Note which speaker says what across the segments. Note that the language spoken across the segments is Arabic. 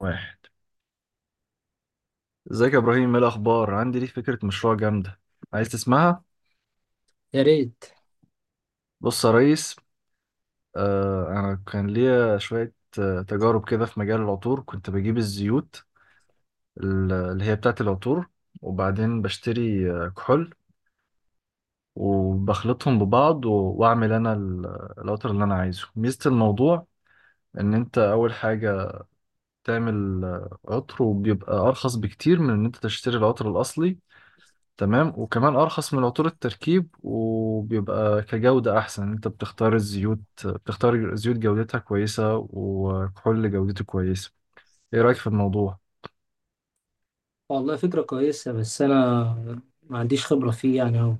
Speaker 1: واحد. ازيك يا ابراهيم، ايه الاخبار؟ عندي ليك فكره مشروع جامده، عايز تسمعها؟
Speaker 2: يا ريت.
Speaker 1: بص يا ريس. انا كان ليا شويه تجارب كده في مجال العطور. كنت بجيب الزيوت اللي هي بتاعه العطور، وبعدين بشتري كحول وبخلطهم ببعض واعمل انا العطر اللي انا عايزه. ميزه الموضوع ان انت اول حاجه تعمل عطر، وبيبقى ارخص بكتير من ان انت تشتري العطر الاصلي، تمام؟ وكمان ارخص من عطور التركيب، وبيبقى كجودة احسن. انت بتختار الزيوت، بتختار زيوت جودتها كويسة وكحول جودته كويسة. ايه رأيك في الموضوع؟
Speaker 2: والله فكرة كويسة، بس أنا ما عنديش خبرة فيه يعني أهو.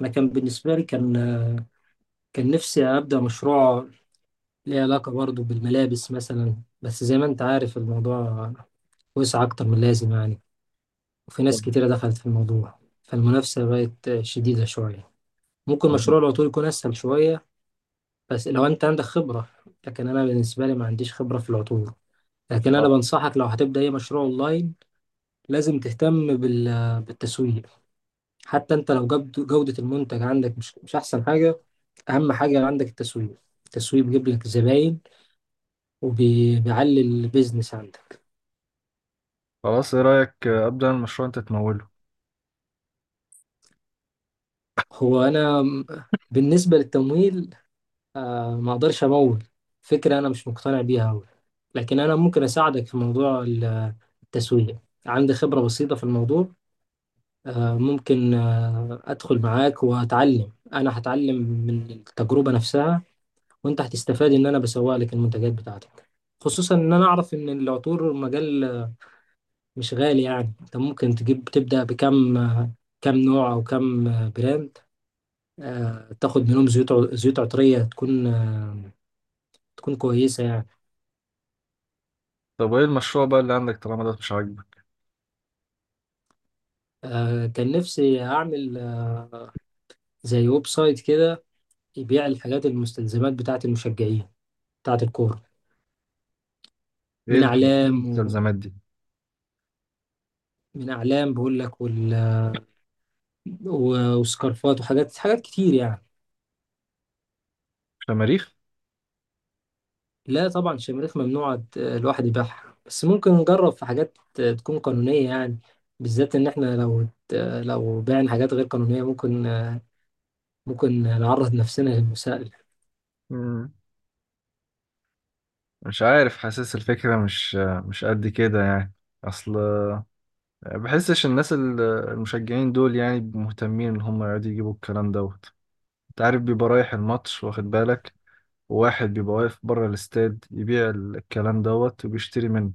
Speaker 2: أنا كان بالنسبة لي كان نفسي أبدأ مشروع ليه علاقة برضه بالملابس مثلا. بس زي ما أنت عارف الموضوع وسع أكتر من اللازم يعني، وفي
Speaker 1: طب
Speaker 2: ناس كتيرة دخلت في الموضوع فالمنافسة بقت شديدة شوية. ممكن
Speaker 1: طب-
Speaker 2: مشروع العطور يكون أسهل شوية، بس لو أنت عندك خبرة. لكن أنا بالنسبة لي ما عنديش خبرة في العطور. لكن
Speaker 1: آه،
Speaker 2: أنا بنصحك لو هتبدأ أي مشروع أونلاين لازم تهتم بالتسويق. حتى انت لو جودة المنتج عندك مش احسن حاجة. اهم حاجة عندك التسويق. التسويق بيجيب لك زباين وبيعلي البيزنس عندك.
Speaker 1: خلاص، ايه رأيك ابدأ المشروع انت تموله؟
Speaker 2: هو انا م- بالنسبة للتمويل، ما اقدرش امول. فكرة انا مش مقتنع بيها أوي. لكن انا ممكن اساعدك في موضوع التسويق. عندي خبرة بسيطة في الموضوع. ممكن ادخل معاك واتعلم. انا هتعلم من التجربة نفسها، وانت هتستفاد ان انا بسوق لك المنتجات بتاعتك. خصوصا ان انا اعرف ان العطور مجال مش غالي يعني. انت ممكن تجيب تبدا كم نوع او كم براند. تاخد منهم زيوت عطريه تكون كويسه يعني.
Speaker 1: طب ايه المشروع بقى اللي عندك طالما ده مش عاجبك؟
Speaker 2: كان نفسي اعمل، زي ويب سايت كده يبيع الحاجات المستلزمات بتاعه المشجعين بتاعه الكوره. من
Speaker 1: إيه
Speaker 2: اعلام و...
Speaker 1: المستلزمات دي؟
Speaker 2: من اعلام بقول لك وسكارفات وحاجات كتير يعني.
Speaker 1: شماريخ.
Speaker 2: لا طبعا الشماريخ ممنوع الواحد يبيعها، بس ممكن نجرب في حاجات تكون قانونية يعني. بالذات إن إحنا لو بعنا حاجات غير قانونية ممكن نعرض نفسنا للمساءلة.
Speaker 1: مم، مش عارف، حاسس الفكرة مش قد كده يعني. اصل بحسش الناس المشجعين دول يعني مهتمين ان هم يقعدوا يجيبوا الكلام دوت. انت عارف، بيبقى رايح الماتش واخد بالك، وواحد بيبقى واقف بره الاستاد يبيع الكلام دوت وبيشتري منه.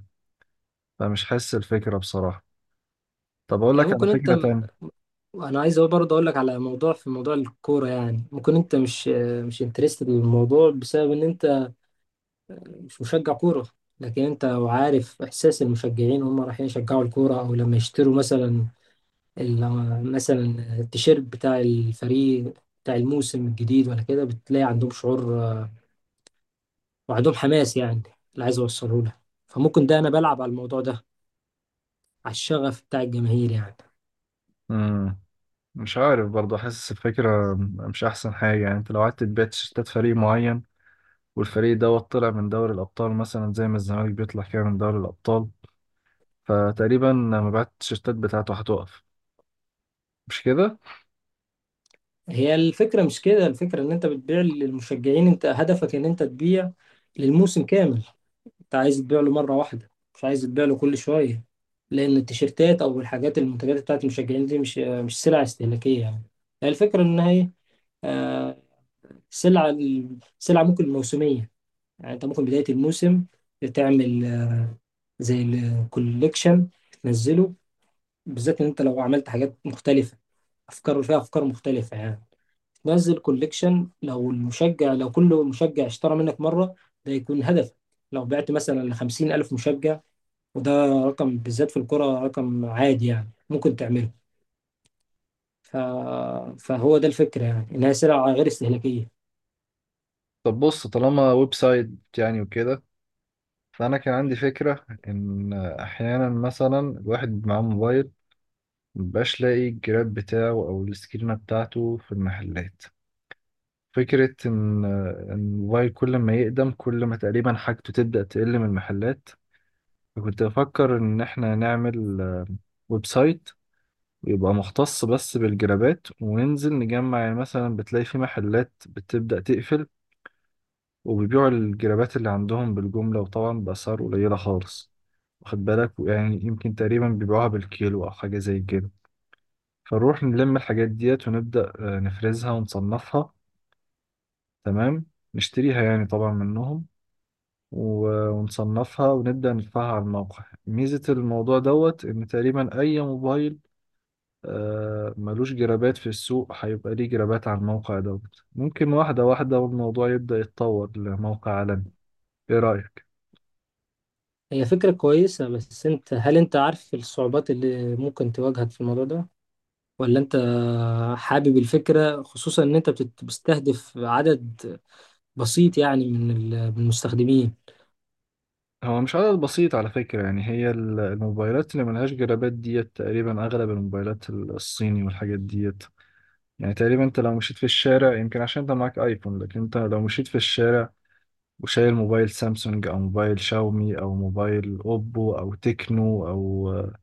Speaker 1: فمش حاسس الفكرة بصراحة. طب اقول
Speaker 2: يعني
Speaker 1: لك على
Speaker 2: ممكن
Speaker 1: فكرة تانية.
Speaker 2: أنا عايز برضه أقول لك على موضوع الكورة يعني، ممكن أنت مش انترستد بالموضوع بسبب إن أنت مش مشجع كورة. لكن أنت لو عارف إحساس المشجعين وهم رايحين يشجعوا الكورة أو لما يشتروا مثلا التيشيرت بتاع الفريق بتاع الموسم الجديد. ولا كده بتلاقي عندهم شعور، وعندهم حماس يعني، اللي عايز اوصله لها. فممكن ده انا بلعب على الموضوع ده، على الشغف بتاع الجماهير يعني.
Speaker 1: امم مش عارف برضه، حاسس الفكرة مش احسن حاجة. يعني انت لو قعدت تبيع تيشيرتات فريق معين والفريق دوت طلع من دوري الابطال، مثلا زي ما الزمالك بيطلع كده من دوري الابطال، فتقريبا مبيعات التيشيرتات بتاعته هتقف، مش كده؟
Speaker 2: هي الفكرة مش كده. الفكرة ان انت بتبيع للمشجعين، انت هدفك ان انت تبيع للموسم كامل. انت عايز تبيع له مرة واحدة، مش عايز تبيع له كل شوية. لان التيشيرتات او الحاجات المنتجات بتاعت المشجعين دي مش سلع استهلاكية يعني. هي الفكرة ان هي، آه، سلعة ممكن موسمية. يعني انت ممكن بداية الموسم تعمل، زي الكوليكشن تنزله. بالذات ان انت لو عملت حاجات مختلفة، افكار فيها افكار مختلفة يعني. تنزل كوليكشن، لو كل مشجع اشترى منك مرة ده يكون هدف. لو بعت مثلا لـ50,000 مشجع، وده رقم بالذات في الكرة رقم عادي يعني ممكن تعمله. ف... فهو ده الفكرة يعني إنها سلعة غير استهلاكية.
Speaker 1: طب بص، طالما ويب سايت يعني وكده، فأنا كان عندي فكرة إن أحيانا مثلا الواحد معاه موبايل مبقاش لاقي الجراب بتاعه أو السكرينة بتاعته في المحلات. فكرة إن الموبايل كل ما يقدم، كل ما تقريبا حاجته تبدأ تقل من المحلات. فكنت بفكر إن إحنا نعمل ويب سايت، ويبقى مختص بس بالجرابات، وننزل نجمع. يعني مثلا بتلاقي في محلات بتبدأ تقفل، وبيبيعوا الجرابات اللي عندهم بالجملة، وطبعا بأسعار قليلة خالص. واخد بالك؟ يعني يمكن تقريبا بيبيعوها بالكيلو أو حاجة زي كده. فنروح نلم الحاجات ديت، ونبدأ نفرزها ونصنفها، تمام، نشتريها يعني طبعا منهم ونصنفها ونبدأ ندفعها على الموقع. ميزة الموضوع دوت إن تقريبا أي موبايل ملوش جرابات في السوق هيبقى ليه جرابات على الموقع دوت. ممكن واحدة واحدة والموضوع يبدأ يتطور لموقع عالمي. إيه رأيك؟
Speaker 2: هي فكرة كويسة، بس انت عارف الصعوبات اللي ممكن تواجهك في الموضوع ده، ولا انت حابب الفكرة؟ خصوصا ان انت بتستهدف عدد بسيط يعني، من المستخدمين.
Speaker 1: هو مش عدد بسيط على فكرة. يعني هي الموبايلات اللي ملهاش جرابات ديت تقريبا أغلب الموبايلات، الصيني والحاجات ديت. يعني تقريبا أنت لو مشيت في الشارع، يمكن عشان أنت معاك آيفون، لكن أنت لو مشيت في الشارع وشايل موبايل سامسونج أو موبايل شاومي أو موبايل أوبو أو تكنو أو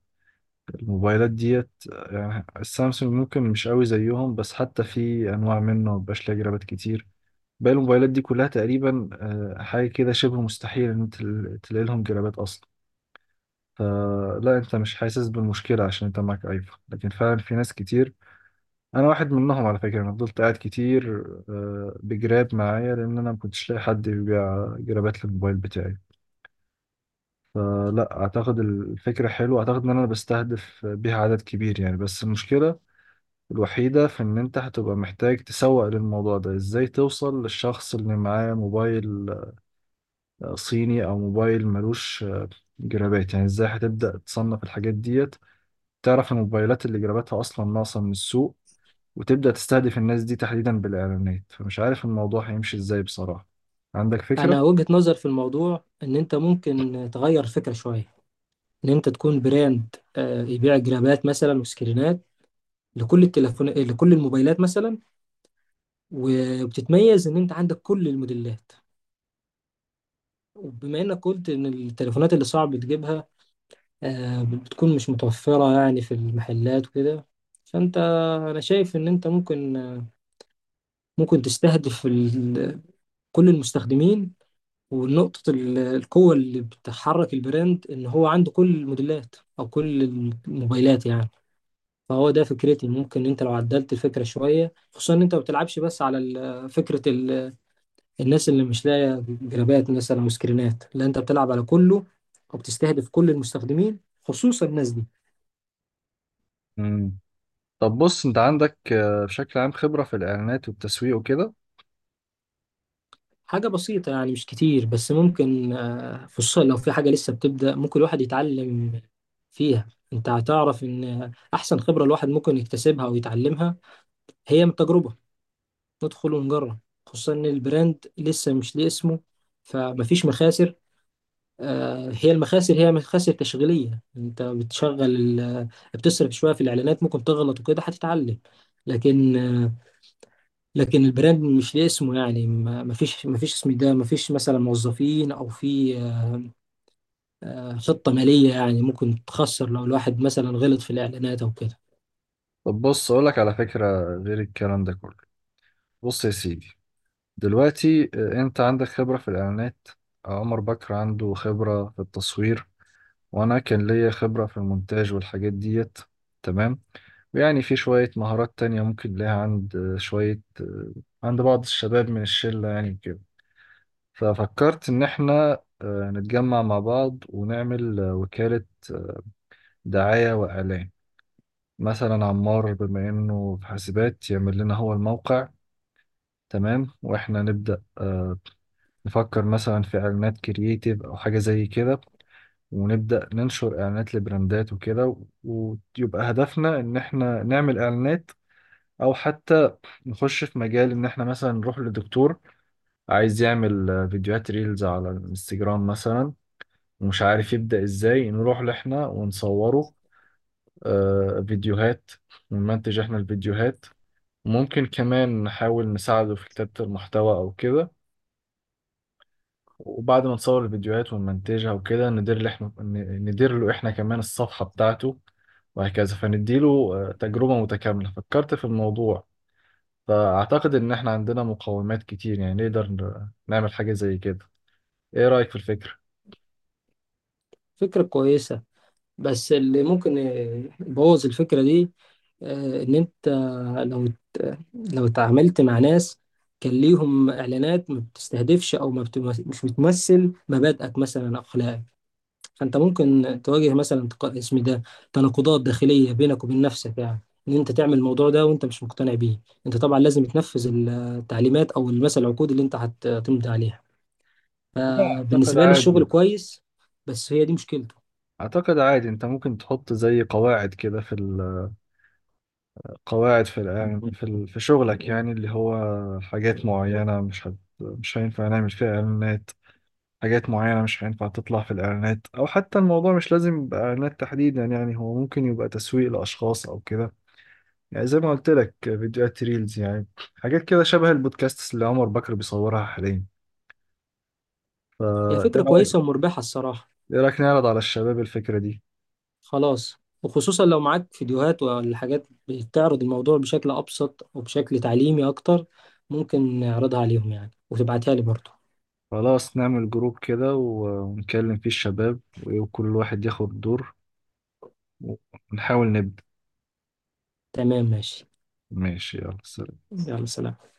Speaker 1: الموبايلات ديت، يعني السامسونج ممكن مش قوي زيهم، بس حتى في أنواع منه مبقاش ليها جرابات كتير. باقي الموبايلات دي كلها تقريبا حاجة كده شبه مستحيل إن أنت تلاقي لهم جرابات أصلا. فلا، انت مش حاسس بالمشكله عشان انت معاك ايفون، لكن فعلا في ناس كتير. انا واحد منهم على فكره. انا فضلت قاعد كتير بجراب معايا لان انا ما كنتش لاقي حد يبيع جرابات للموبايل بتاعي. فلا اعتقد الفكره حلوه، اعتقد ان انا بستهدف بيها عدد كبير يعني. بس المشكله الوحيده في ان انت هتبقى محتاج تسوق للموضوع ده. ازاي توصل للشخص اللي معاه موبايل صيني او موبايل ملوش جرابات؟ يعني ازاي هتبدا تصنف الحاجات ديت؟ تعرف ان الموبايلات اللي جراباتها اصلا ناقصه من السوق، وتبدا تستهدف الناس دي تحديدا بالاعلانات. فمش عارف الموضوع هيمشي ازاي بصراحه. عندك فكره؟
Speaker 2: انا وجهة نظر في الموضوع ان انت ممكن تغير الفكرة شوية. ان انت تكون براند يبيع جرابات مثلا وسكرينات، لكل الموبايلات مثلا. وبتتميز ان انت عندك كل الموديلات. وبما انك قلت ان التليفونات اللي صعب تجيبها بتكون مش متوفرة يعني في المحلات وكده. فأنت أنا شايف إن أنت ممكن تستهدف كل المستخدمين. ونقطة القوة اللي بتحرك البراند إن هو عنده كل الموديلات أو كل الموبايلات يعني. فهو ده فكرتي. ممكن أنت لو عدلت الفكرة شوية، خصوصا إن أنت ما بتلعبش بس على فكرة الناس اللي مش لاقية جرابات مثلا وسكرينات. لا أنت بتلعب على كله، وبتستهدف كل المستخدمين خصوصا الناس دي.
Speaker 1: امم طب بص، انت عندك بشكل عام خبره في الاعلانات والتسويق وكده؟
Speaker 2: حاجة بسيطة يعني مش كتير، بس ممكن، خصوصا لو في حاجة لسه بتبدأ ممكن الواحد يتعلم فيها. انت هتعرف ان احسن خبرة الواحد ممكن يكتسبها او يتعلمها هي من التجربة. ندخل ونجرب. خصوصا ان البراند لسه مش ليه اسمه، فمفيش مخاسر. هي المخاسر هي مخاسر تشغيلية. انت بتشغل ال- بتصرف شوية في الاعلانات ممكن تغلط وكده هتتعلم. لكن آه، لكن البراند مش ليه اسمه يعني، ما فيش اسم ده، ما فيش مثلا موظفين، او في، خطة مالية يعني ممكن تخسر لو الواحد مثلا غلط في الاعلانات او كده.
Speaker 1: طب بص اقولك على فكره، غير الكلام ده كله. بص يا سيدي، دلوقتي انت عندك خبره في الاعلانات، عمر بكر عنده خبره في التصوير، وانا كان ليا خبره في المونتاج والحاجات ديت، تمام. يعني في شوية مهارات تانية ممكن ليها عند شوية، عند بعض الشباب من الشلة يعني كده. ففكرت إن إحنا نتجمع مع بعض ونعمل وكالة دعاية وإعلان. مثلا عمار بما إنه في حاسبات يعمل لنا هو الموقع، تمام، وإحنا نبدأ نفكر مثلا في إعلانات كرييتيف أو حاجة زي كده، ونبدأ ننشر إعلانات لبراندات وكده. ويبقى هدفنا إن إحنا نعمل إعلانات، أو حتى نخش في مجال ان احنا مثلا نروح لدكتور عايز يعمل فيديوهات ريلز على الانستجرام مثلا، ومش عارف يبدأ ازاي، نروح لإحنا ونصوره فيديوهات، ونمنتج احنا الفيديوهات. ممكن كمان نحاول نساعده في كتابة المحتوى او كده. وبعد ما نصور الفيديوهات ونمنتجها وكده، ندير له احنا كمان الصفحة بتاعته وهكذا. فنديله تجربة متكاملة. فكرت في الموضوع، فأعتقد إن إحنا عندنا مقومات كتير يعني، نقدر نعمل حاجة زي كده. إيه رأيك في الفكرة؟
Speaker 2: فكرة كويسة، بس اللي ممكن يبوظ الفكرة دي، ان انت لو لو اتعاملت مع ناس كان ليهم اعلانات ما بتستهدفش او ما بت- مش بتمثل مبادئك مثلا اخلاقك. فانت ممكن تواجه مثلا، اسم ده، تناقضات داخليه بينك وبين نفسك يعني. ان انت تعمل الموضوع ده وانت مش مقتنع بيه، انت طبعا لازم تنفذ التعليمات او مثلا العقود اللي انت هتمضي عليها.
Speaker 1: لا أعتقد
Speaker 2: فبالنسبه لي الشغل
Speaker 1: عادي.
Speaker 2: كويس. بس هي دي مشكلته.
Speaker 1: أعتقد عادي، أنت ممكن تحط زي قواعد كده في القواعد، في في في شغلك، يعني اللي هو حاجات معينة مش هينفع نعمل فيها إعلانات، حاجات معينة مش هينفع تطلع في الإعلانات. أو حتى الموضوع مش لازم يبقى إعلانات تحديدا، يعني هو ممكن يبقى تسويق لأشخاص أو كده. يعني زي ما قلت لك، فيديوهات ريلز يعني، حاجات كده شبه البودكاست اللي عمر بكر بيصورها حاليا. فا
Speaker 2: هي
Speaker 1: إيه
Speaker 2: فكره
Speaker 1: رأيك؟
Speaker 2: كويسه ومربحه الصراحه.
Speaker 1: إيه رأيك نعرض على الشباب الفكرة دي؟
Speaker 2: خلاص. وخصوصا لو معاك فيديوهات ولا حاجات بتعرض الموضوع بشكل ابسط وبشكل تعليمي اكتر، ممكن نعرضها عليهم يعني، وتبعتها لي برضه.
Speaker 1: خلاص، نعمل جروب كده ونكلم فيه الشباب وكل واحد ياخد دور، ونحاول نبدأ.
Speaker 2: تمام ماشي.
Speaker 1: ماشي، يلا سلام.
Speaker 2: يلا سلام.